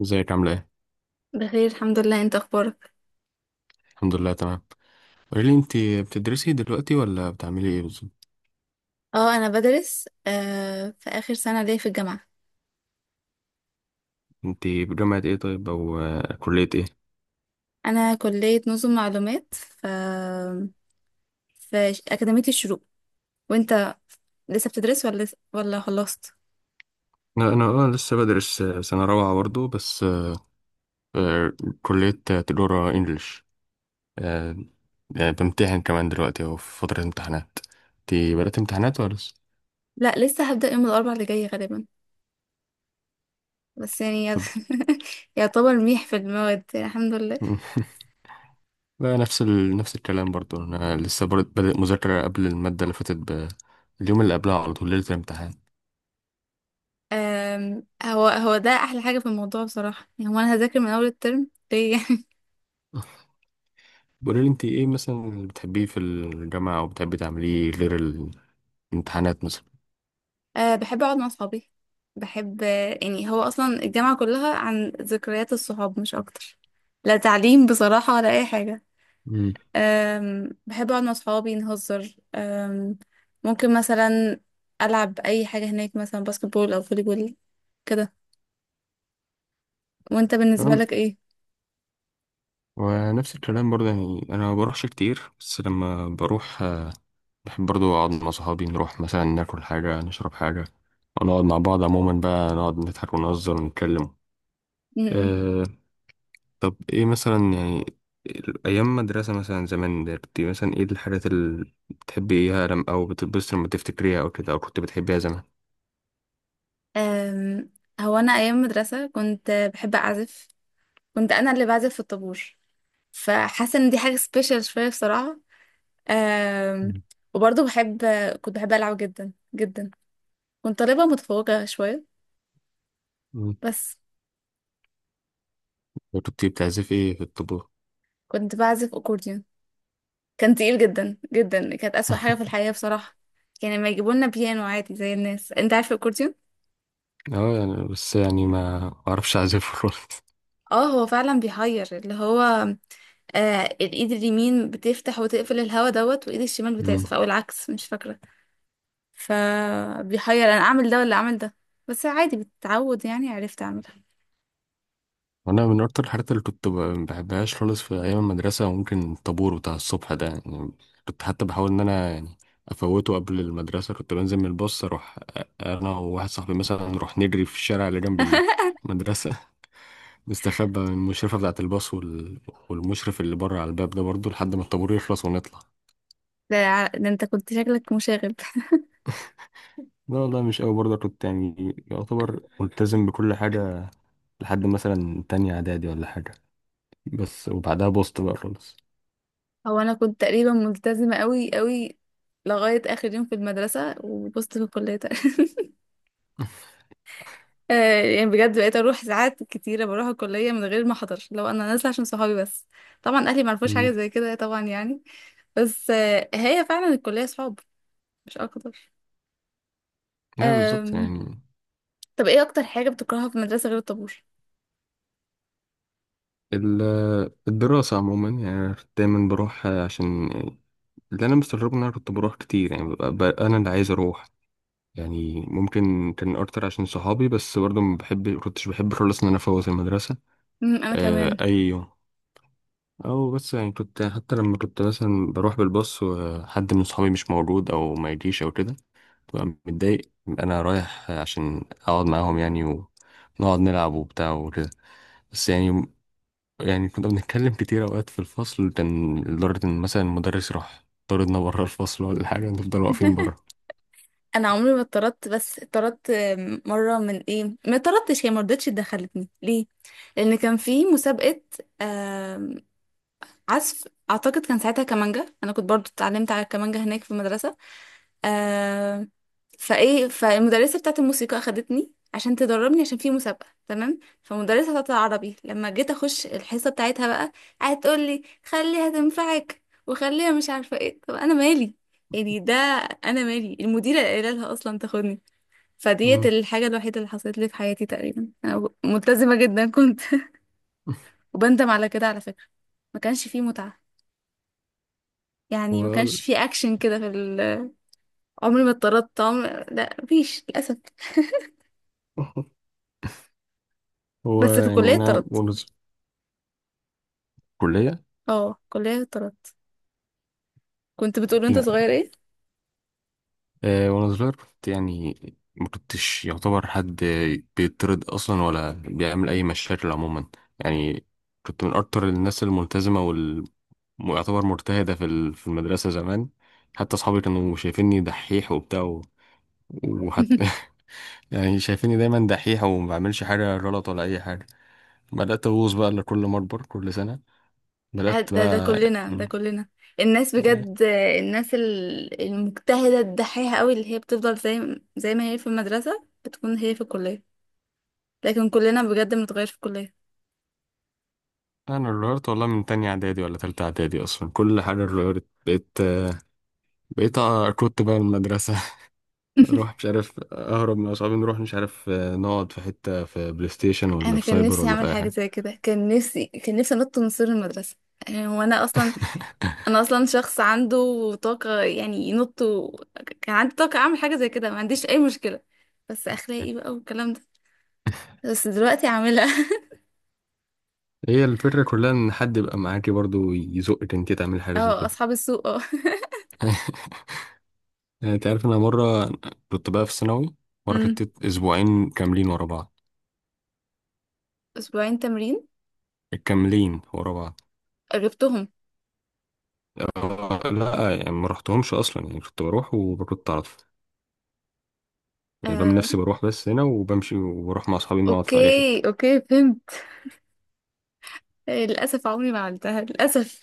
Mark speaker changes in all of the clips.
Speaker 1: ازيك عاملة ايه؟
Speaker 2: بخير الحمد لله، انت اخبارك؟
Speaker 1: الحمد لله. تمام. قولي لي انت بتدرسي دلوقتي ولا بتعملي ايه بالظبط؟
Speaker 2: اه، انا بدرس في اخر سنه ليا في الجامعه.
Speaker 1: انت بجامعة ايه طيب او كلية ايه؟
Speaker 2: انا كليه نظم معلومات، ف في اكاديميه الشروق. وانت لسه بتدرس ولا ولا خلصت؟
Speaker 1: انا لسه بدرس سنة رابعة برضه بس آه، كلية تجارة انجلش. آه، بمتحن كمان دلوقتي اهو في فترة امتحانات. انت بدأت امتحانات ولا لسه؟
Speaker 2: لا، لسه هبدا يوم الاربع اللي جاي غالبا. بس يعني
Speaker 1: طب
Speaker 2: يعتبر ميح في المواد يعني الحمد لله.
Speaker 1: مم. لا. نفس نفس الكلام برضه، انا لسه برضه بادئ مذاكرة قبل المادة اللي فاتت اليوم اللي قبلها على طول ليلة الامتحان.
Speaker 2: هو ده احلى حاجه في الموضوع بصراحه، يعني هو انا هذاكر من اول الترم ليه؟
Speaker 1: بقولي لي انت ايه مثلا اللي بتحبيه في الجامعة او بتحبي تعمليه غير الامتحانات مثلا.
Speaker 2: أه، بحب أقعد مع صحابي. بحب يعني هو أصلا الجامعة كلها عن ذكريات الصحاب مش أكتر. لا تعليم بصراحة ولا أي حاجة.
Speaker 1: مم.
Speaker 2: أم، بحب أقعد مع صحابي نهزر. أم، ممكن مثلا ألعب أي حاجة هناك، مثلا باسكت بول أو فولي بول كده. وأنت بالنسبة
Speaker 1: تمام.
Speaker 2: لك إيه؟
Speaker 1: ونفس الكلام برضه، يعني انا ما بروحش كتير بس لما بروح بحب برضه اقعد مع صحابي نروح مثلا ناكل حاجة نشرب حاجة ونقعد مع بعض عموما بقى نقعد نضحك ونهزر ونتكلم.
Speaker 2: م-م.
Speaker 1: أه. طب ايه مثلا يعني، ايام مدرسة مثلا زمان، كنت مثلا ايه الحاجات اللي بتحبيها لم او بتتبسط لما تفتكريها او كده او كنت بتحبيها زمان؟
Speaker 2: أم، هو أنا أيام مدرسة كنت بحب أعزف. كنت أنا اللي بعزف في الطابور، فحاسة إن دي حاجة سبيشال شوية بصراحة. آم، وبرضه بحب، كنت بحب ألعب جدا جدا. كنت طالبة متفوقة شوية،
Speaker 1: مم.
Speaker 2: بس.
Speaker 1: وانت بتعزف ايه، في الطبلة؟
Speaker 2: كنت بعزف أكورديون، كان تقيل جدا جدا، كانت أسوأ حاجة في الحياة بصراحة. كان لما يجيبوا لنا بيانو عادي زي الناس. انت عارف الأكورديون؟
Speaker 1: اه يعني بس يعني ما اعرفش اعزفه خالص.
Speaker 2: اه، هو فعلا بيحير، اللي هو آه، الإيد اليمين بتفتح وتقفل الهوا دوت، وإيد الشمال بتعزف،
Speaker 1: مم.
Speaker 2: أو العكس مش فاكرة. فبيحير أنا أعمل ده ولا أعمل ده. بس عادي بتتعود يعني، عرفت أعملها.
Speaker 1: وانا من اكتر الحاجات اللي كنت ما بحبهاش خالص في ايام المدرسه ممكن الطابور بتاع الصبح ده يعني. كنت حتى بحاول ان انا يعني افوته قبل المدرسه. كنت بنزل من الباص اروح انا وواحد صاحبي مثلا نروح نجري في الشارع اللي جنب المدرسه. نستخبى من المشرفه بتاعه الباص والمشرف اللي بره على الباب ده برضه لحد ما الطابور يخلص ونطلع.
Speaker 2: ده, انت كنت شكلك مشاغب.
Speaker 1: لا والله، مش قوي برضه، كنت يعني يعتبر ملتزم بكل حاجة لحد مثلا تانية اعدادي ولا حاجة، بس وبعدها بوست بقى خالص.
Speaker 2: هو انا كنت تقريبا ملتزمه قوي قوي لغايه اخر يوم في المدرسه، وبصت في الكليه تقريبا. آه، يعني بجد بقيت اروح ساعات كتيره، بروح الكليه من غير ما احضر، لو انا نازله عشان صحابي بس. طبعا اهلي ما عرفوش حاجه
Speaker 1: امم،
Speaker 2: زي كده طبعا يعني. بس آه، هي فعلا الكليه صحاب، مش اكتر.
Speaker 1: ايوه بالظبط
Speaker 2: آم،
Speaker 1: يعني.
Speaker 2: طب ايه اكتر حاجه بتكرهها في المدرسه غير الطابور؟
Speaker 1: ال- الدراسة عموما يعني دايما بروح عشان. اللي أنا مستغربه إن أنا كنت بروح كتير، يعني ببقى أنا اللي عايز أروح. يعني ممكن كان أكتر عشان صحابي بس برضه ما بحب كنتش بحب خالص إن أنا أفوت المدرسة
Speaker 2: مم، انا كمان.
Speaker 1: أي يوم. او بس يعني، كنت حتى لما كنت مثلا بروح بالباص وحد من صحابي مش موجود او ما يجيش او كده، ببقى متضايق انا رايح عشان اقعد معاهم يعني ونقعد نلعب وبتاع وكده. بس يعني، يعني كنا بنتكلم كتير اوقات في الفصل، كان لدرجة ان مثلا المدرس راح طردنا بره الفصل ولا حاجة نفضل واقفين بره.
Speaker 2: انا عمري ما اتطردت، بس اتطردت آم، مره من ايه، ما اتطردتش، هي ما رضتش دخلتني ليه. لان كان في مسابقه عزف، اعتقد كان ساعتها كمانجا. انا كنت برضو اتعلمت على الكمانجا هناك في المدرسه. آه، فايه فالمدرسه بتاعت الموسيقى اخدتني عشان تدربني، عشان في مسابقه، تمام. فالمدرسه بتاعت العربي لما جيت اخش الحصه بتاعتها بقى، قعدت تقول لي خليها تنفعك وخليها مش عارفه ايه. طب انا مالي يعني ده، انا مالي، المديره اللي قايله لها اصلا تاخدني. فديت
Speaker 1: مم.
Speaker 2: الحاجه الوحيده اللي حصلت لي في حياتي تقريبا، انا ملتزمه جدا كنت. وبندم على كده على فكره. ما كانش فيه متعه، يعني ما
Speaker 1: هو
Speaker 2: كانش في اكشن كده في عمري ما اتطردت، لا مفيش للاسف.
Speaker 1: هو
Speaker 2: بس في
Speaker 1: يعني
Speaker 2: الكليه
Speaker 1: انا
Speaker 2: اتطردت.
Speaker 1: وأنا في الكلية.
Speaker 2: اه، في الكليه اتطردت. كنت بتقول انت صغير
Speaker 1: لا.
Speaker 2: ايه؟
Speaker 1: وانا صغير كنت يعني ما كنتش يعتبر حد بيطرد اصلا ولا بيعمل اي مشاكل عموما يعني. كنت من اكتر الناس الملتزمه ويعتبر مرتهده في في المدرسه زمان. حتى اصحابي كانوا شايفيني دحيح وبتاع وحتى يعني شايفيني دايما دحيح وما بعملش حاجه غلط ولا اي حاجه. بدات ابوظ بقى لكل ما اكبر كل سنه. بدات
Speaker 2: ده ده
Speaker 1: بقى
Speaker 2: كلنا ده
Speaker 1: يعني.
Speaker 2: كلنا الناس
Speaker 1: آه،
Speaker 2: بجد، الناس المجتهده الدحيحه قوي اللي هي بتفضل زي ما هي في المدرسه بتكون هي في الكليه. لكن كلنا بجد بنتغير في الكليه.
Speaker 1: انا اتغيرت والله من تانية اعدادي ولا تالتة اعدادي اصلا، كل حاجه اتغيرت. بقيت كنت بقى من المدرسة اروح مش عارف اهرب من اصحابي نروح مش عارف نقعد في حتة في بلاي ستيشن ولا
Speaker 2: انا
Speaker 1: في
Speaker 2: كان
Speaker 1: سايبر
Speaker 2: نفسي
Speaker 1: ولا في
Speaker 2: اعمل
Speaker 1: اي
Speaker 2: حاجه
Speaker 1: حاجة.
Speaker 2: زي كده، كان نفسي انط من سور المدرسه. يعني هو انا اصلا، انا اصلا شخص عنده طاقه، يعني ينط و... كان عندي طاقه اعمل حاجه زي كده، ما عنديش اي مشكله. بس اخلاقي بقى والكلام ده. بس دلوقتي عامله
Speaker 1: هي الفكرة كلها ان حد يبقى معاكي برضو يزقك انت تعمل حاجة زي
Speaker 2: اه
Speaker 1: كده.
Speaker 2: اصحاب السوق، اه.
Speaker 1: يعني انت عارف، انا مرة كنت بقى في ثانوي، مرة
Speaker 2: أمم.
Speaker 1: خدت اسبوعين كاملين ورا بعض،
Speaker 2: اسبوعين تمرين
Speaker 1: كاملين ورا بعض.
Speaker 2: جبتهم؟
Speaker 1: لا يعني ما رحتهمش اصلا يعني كنت بروح وكنت اعرف، يعني بعمل
Speaker 2: آه.
Speaker 1: نفسي بروح بس هنا وبمشي وبروح مع اصحابي نقعد في اي حتة.
Speaker 2: اوكي اوكي، فهمت. آه، للاسف عمري ما عملتها، للاسف.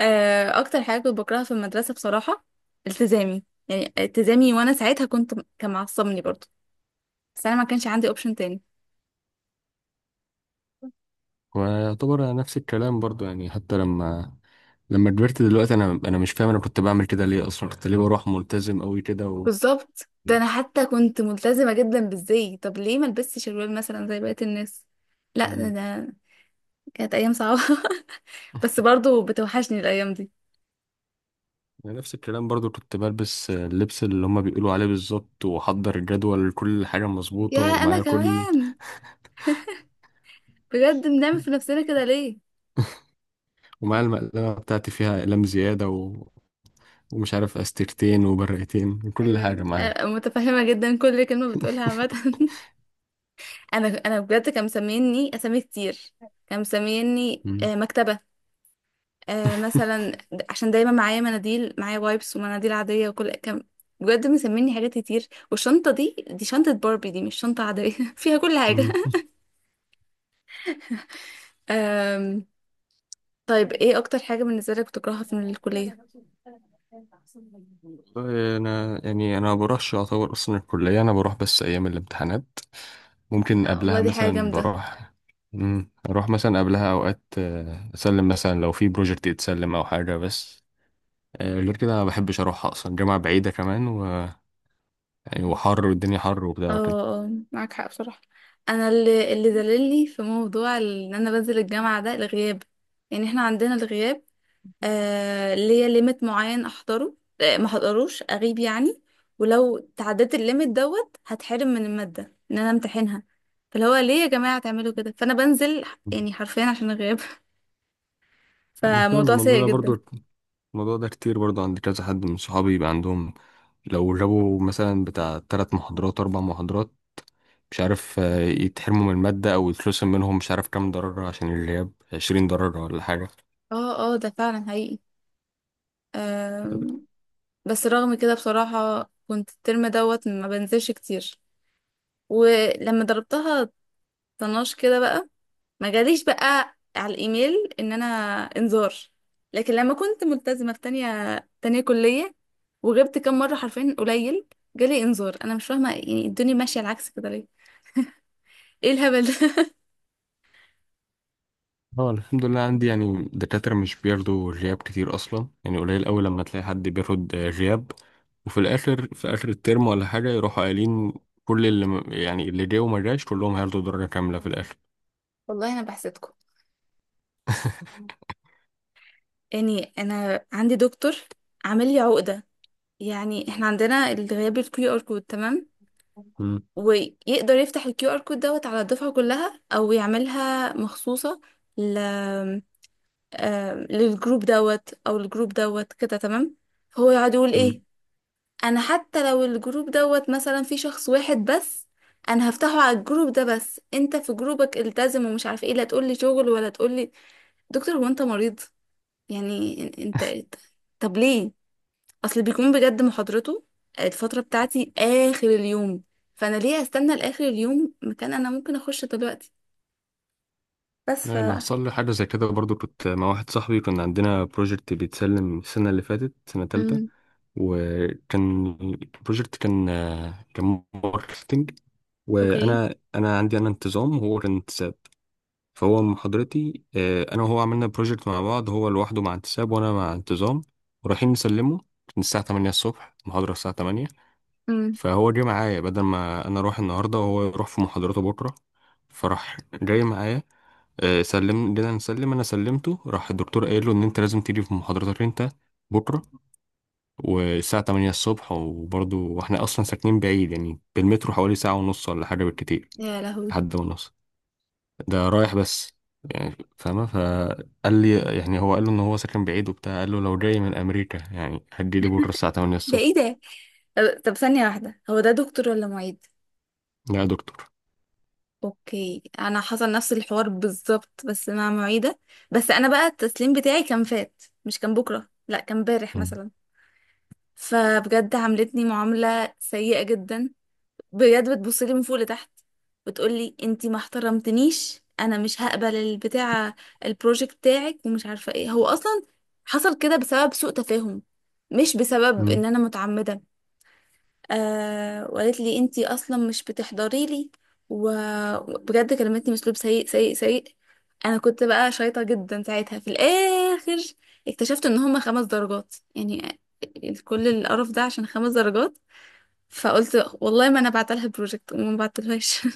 Speaker 2: آه. اكتر حاجه كنت بكرهها في المدرسه بصراحه، التزامي. يعني التزامي، وانا ساعتها كنت، كان معصبني برضه. بس انا ما كانش عندي اوبشن تاني.
Speaker 1: ويعتبر أنا نفس الكلام برضو يعني، حتى لما كبرت دلوقتي انا مش فاهم انا كنت بعمل كده ليه اصلا، كنت ليه بروح ملتزم قوي كده
Speaker 2: بالظبط ده. انا حتى كنت ملتزمه جدا بالزي. طب ليه ما البسش شروال مثلا زي بقيه الناس؟ لا ده,
Speaker 1: مم.
Speaker 2: ده كانت ايام صعبه. بس برضو بتوحشني الايام دي.
Speaker 1: أنا نفس الكلام برضو كنت بلبس اللبس اللي هما بيقولوا عليه بالظبط، واحضر الجدول كل حاجة
Speaker 2: يا
Speaker 1: مظبوطة،
Speaker 2: انا
Speaker 1: ومعايا كل
Speaker 2: كمان. بجد بنعمل في نفسنا كده ليه؟
Speaker 1: ومعايا المقلمة بتاعتي فيها أقلام زيادة ومش عارف أستيرتين وبرقتين، كل
Speaker 2: ايوه،
Speaker 1: حاجة
Speaker 2: أيوة.
Speaker 1: معايا.
Speaker 2: أنا متفهمه جدا كل كلمه بتقولها عامه. انا بجد كان مسميني اسامي كتير. كان مسميني
Speaker 1: مم.
Speaker 2: آه، مكتبه. آه مثلا عشان دايما معايا مناديل، معايا وايبس ومناديل عادية وكل كم. بجد مسميني حاجات كتير. والشنطة دي، دي شنطة باربي، دي مش شنطة عادية فيها كل حاجة.
Speaker 1: مم.
Speaker 2: آم، طيب ايه اكتر حاجة بالنسبة لك بتكرهها في الكلية؟
Speaker 1: والله انا يعني انا ما بروحش اعتبر اصلا الكليه، انا بروح بس ايام الامتحانات ممكن
Speaker 2: لا والله
Speaker 1: قبلها
Speaker 2: دي حاجة
Speaker 1: مثلا
Speaker 2: جامدة.
Speaker 1: بروح. اروح مثلا قبلها اوقات اسلم مثلا لو في بروجكت يتسلم او حاجه بس. غير كده انا ما بحبش اروح اصلا، الجامعه بعيده كمان يعني وحر والدنيا حر وبتاع
Speaker 2: اه،
Speaker 1: وكده.
Speaker 2: آه، معاك حق بصراحة. انا اللي دللني في موضوع ان انا بنزل الجامعة ده الغياب. يعني احنا عندنا الغياب، آه ليا ليميت معين احضره، آه ما احضروش اغيب يعني. ولو تعديت الليميت دوت هتحرم من المادة ان انا امتحنها. فاللي هو ليه يا جماعة تعملوا كده؟ فانا بنزل
Speaker 1: مم.
Speaker 2: يعني حرفيا عشان الغياب.
Speaker 1: أنا فاهم
Speaker 2: فموضوع
Speaker 1: الموضوع
Speaker 2: سيء
Speaker 1: ده
Speaker 2: جدا.
Speaker 1: برضو. الموضوع ده كتير برضو عند كذا حد من صحابي يبقى عندهم لو جابوا مثلا بتاع تلات محاضرات أربع محاضرات، مش عارف يتحرموا من المادة أو يترسم منهم مش عارف كام ضرر عشان الغياب 20 ضرر ولا حاجة.
Speaker 2: اه اه، ده فعلا حقيقي. آم، بس رغم كده بصراحة كنت الترم دوت ما بنزلش كتير. ولما ضربتها طناش كده بقى، ما جاليش بقى على الايميل ان انا انذار. لكن لما كنت ملتزمه في تانية، تانية كليه، وغبت كام مره حرفيا قليل، جالي انذار. انا مش فاهمه يعني الدنيا ماشيه العكس كده ليه. ايه الهبل ده؟
Speaker 1: اه الحمد لله، عندي يعني دكاترة مش بياخدوا غياب كتير أصلا، يعني قليل أوي لما تلاقي حد بياخد غياب. وفي الآخر في آخر الترم ولا حاجة يروحوا قايلين كل اللي يعني اللي جه وما جاش كلهم هياخدوا درجة كاملة في الآخر.
Speaker 2: والله انا بحسدكم. يعني انا عندي دكتور عامل لي عقده. يعني احنا عندنا الغياب الكيو ار كود، تمام؟
Speaker 1: مم.
Speaker 2: ويقدر يفتح الكيو ار كود دوت على الدفعه كلها او يعملها مخصوصه آه، للجروب دوت او الجروب دوت كده، تمام. هو يقعد يقول ايه،
Speaker 1: مم.
Speaker 2: انا حتى لو الجروب دوت مثلا في شخص واحد بس، انا هفتحه على الجروب ده. بس انت في جروبك التزم ومش عارفه ايه، لا تقول لي شغل ولا تقول لي. دكتور هو انت مريض؟ يعني انت، طب ليه؟ اصل بيكون بجد محاضرته الفتره بتاعتي اخر اليوم، فانا ليه استنى لاخر اليوم مكان انا ممكن اخش دلوقتي. بس
Speaker 1: أنا
Speaker 2: ف،
Speaker 1: حصل لي حاجة زي كده برضو. كنت مع واحد صاحبي كنا عندنا بروجكت بيتسلم السنة اللي فاتت سنة تالتة،
Speaker 2: امم،
Speaker 1: وكان البروجكت كان ماركتنج.
Speaker 2: اوكي،
Speaker 1: وانا عندي انا انتظام وهو كان انتساب. فهو محاضرتي انا وهو عملنا بروجكت مع بعض، هو لوحده مع انتساب وانا مع انتظام. ورايحين نسلمه من الساعة 8 الصبح، المحاضرة الساعة 8.
Speaker 2: امم،
Speaker 1: فهو جه معايا بدل ما انا اروح النهارده وهو يروح في محاضرته بكرة، فراح جاي معايا سلم، جينا نسلم، انا سلمته، راح الدكتور قايل له ان انت لازم تيجي في محاضرتك انت بكرة والساعة 8 الصبح. وبرضه واحنا أصلا ساكنين بعيد يعني بالمترو حوالي ساعة ونص ولا حاجة بالكتير،
Speaker 2: يا لهوي،
Speaker 1: لحد ونص ده رايح بس. يعني فاهمة؟ فقال لي يعني هو قال له إن هو ساكن بعيد وبتاع، قال له لو جاي من أمريكا يعني هدي لي بكرة الساعة 8
Speaker 2: ده
Speaker 1: الصبح.
Speaker 2: ايه ده؟ طب طب ثانية واحدة، هو ده دكتور ولا معيد؟
Speaker 1: لا يا دكتور.
Speaker 2: اوكي، انا حصل نفس الحوار بالظبط بس مع معيدة. بس انا بقى التسليم بتاعي كان فات، مش كان بكرة، لا كان امبارح
Speaker 1: مم.
Speaker 2: مثلا. فبجد عاملتني معاملة سيئة جدا، بجد بتبص لي من فوق لتحت، وتقولي انتي ما احترمتنيش، انا مش هقبل البتاع البروجكت بتاعك ومش عارفة ايه. هو اصلا حصل كده بسبب سوء تفاهم، مش بسبب ان
Speaker 1: مم.
Speaker 2: انا متعمدة. آه، وقالت لي انتي اصلا مش بتحضري لي. وبجد كلمتني باسلوب سيء سيء سيء. انا كنت بقى شايطه جدا ساعتها. في الاخر اكتشفت ان هما 5 درجات، يعني كل القرف ده عشان 5 درجات. فقلت والله ما انا بعتلها بروجكت، وما بعتلهاش.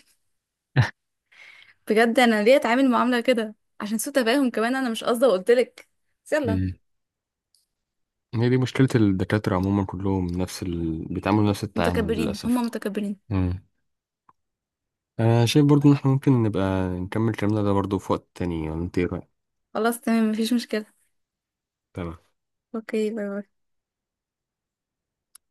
Speaker 2: بجد انا ليه اتعامل معامله كده؟ عشان سوء تفاهم، كمان انا مش قصده وقلت لك. يلا.
Speaker 1: مم. هي دي مشكلة الدكاترة عموما كلهم نفس بيتعاملوا نفس التعامل
Speaker 2: متكبرين، هما
Speaker 1: للأسف.
Speaker 2: متكبرين.
Speaker 1: مم. أنا شايف برضو إن إحنا ممكن نبقى نكمل كلامنا ده برضو في وقت تاني، ولا أنت إيه رأيك؟
Speaker 2: خلاص تمام مفيش مشكله.
Speaker 1: تمام.
Speaker 2: اوكي، باي باي.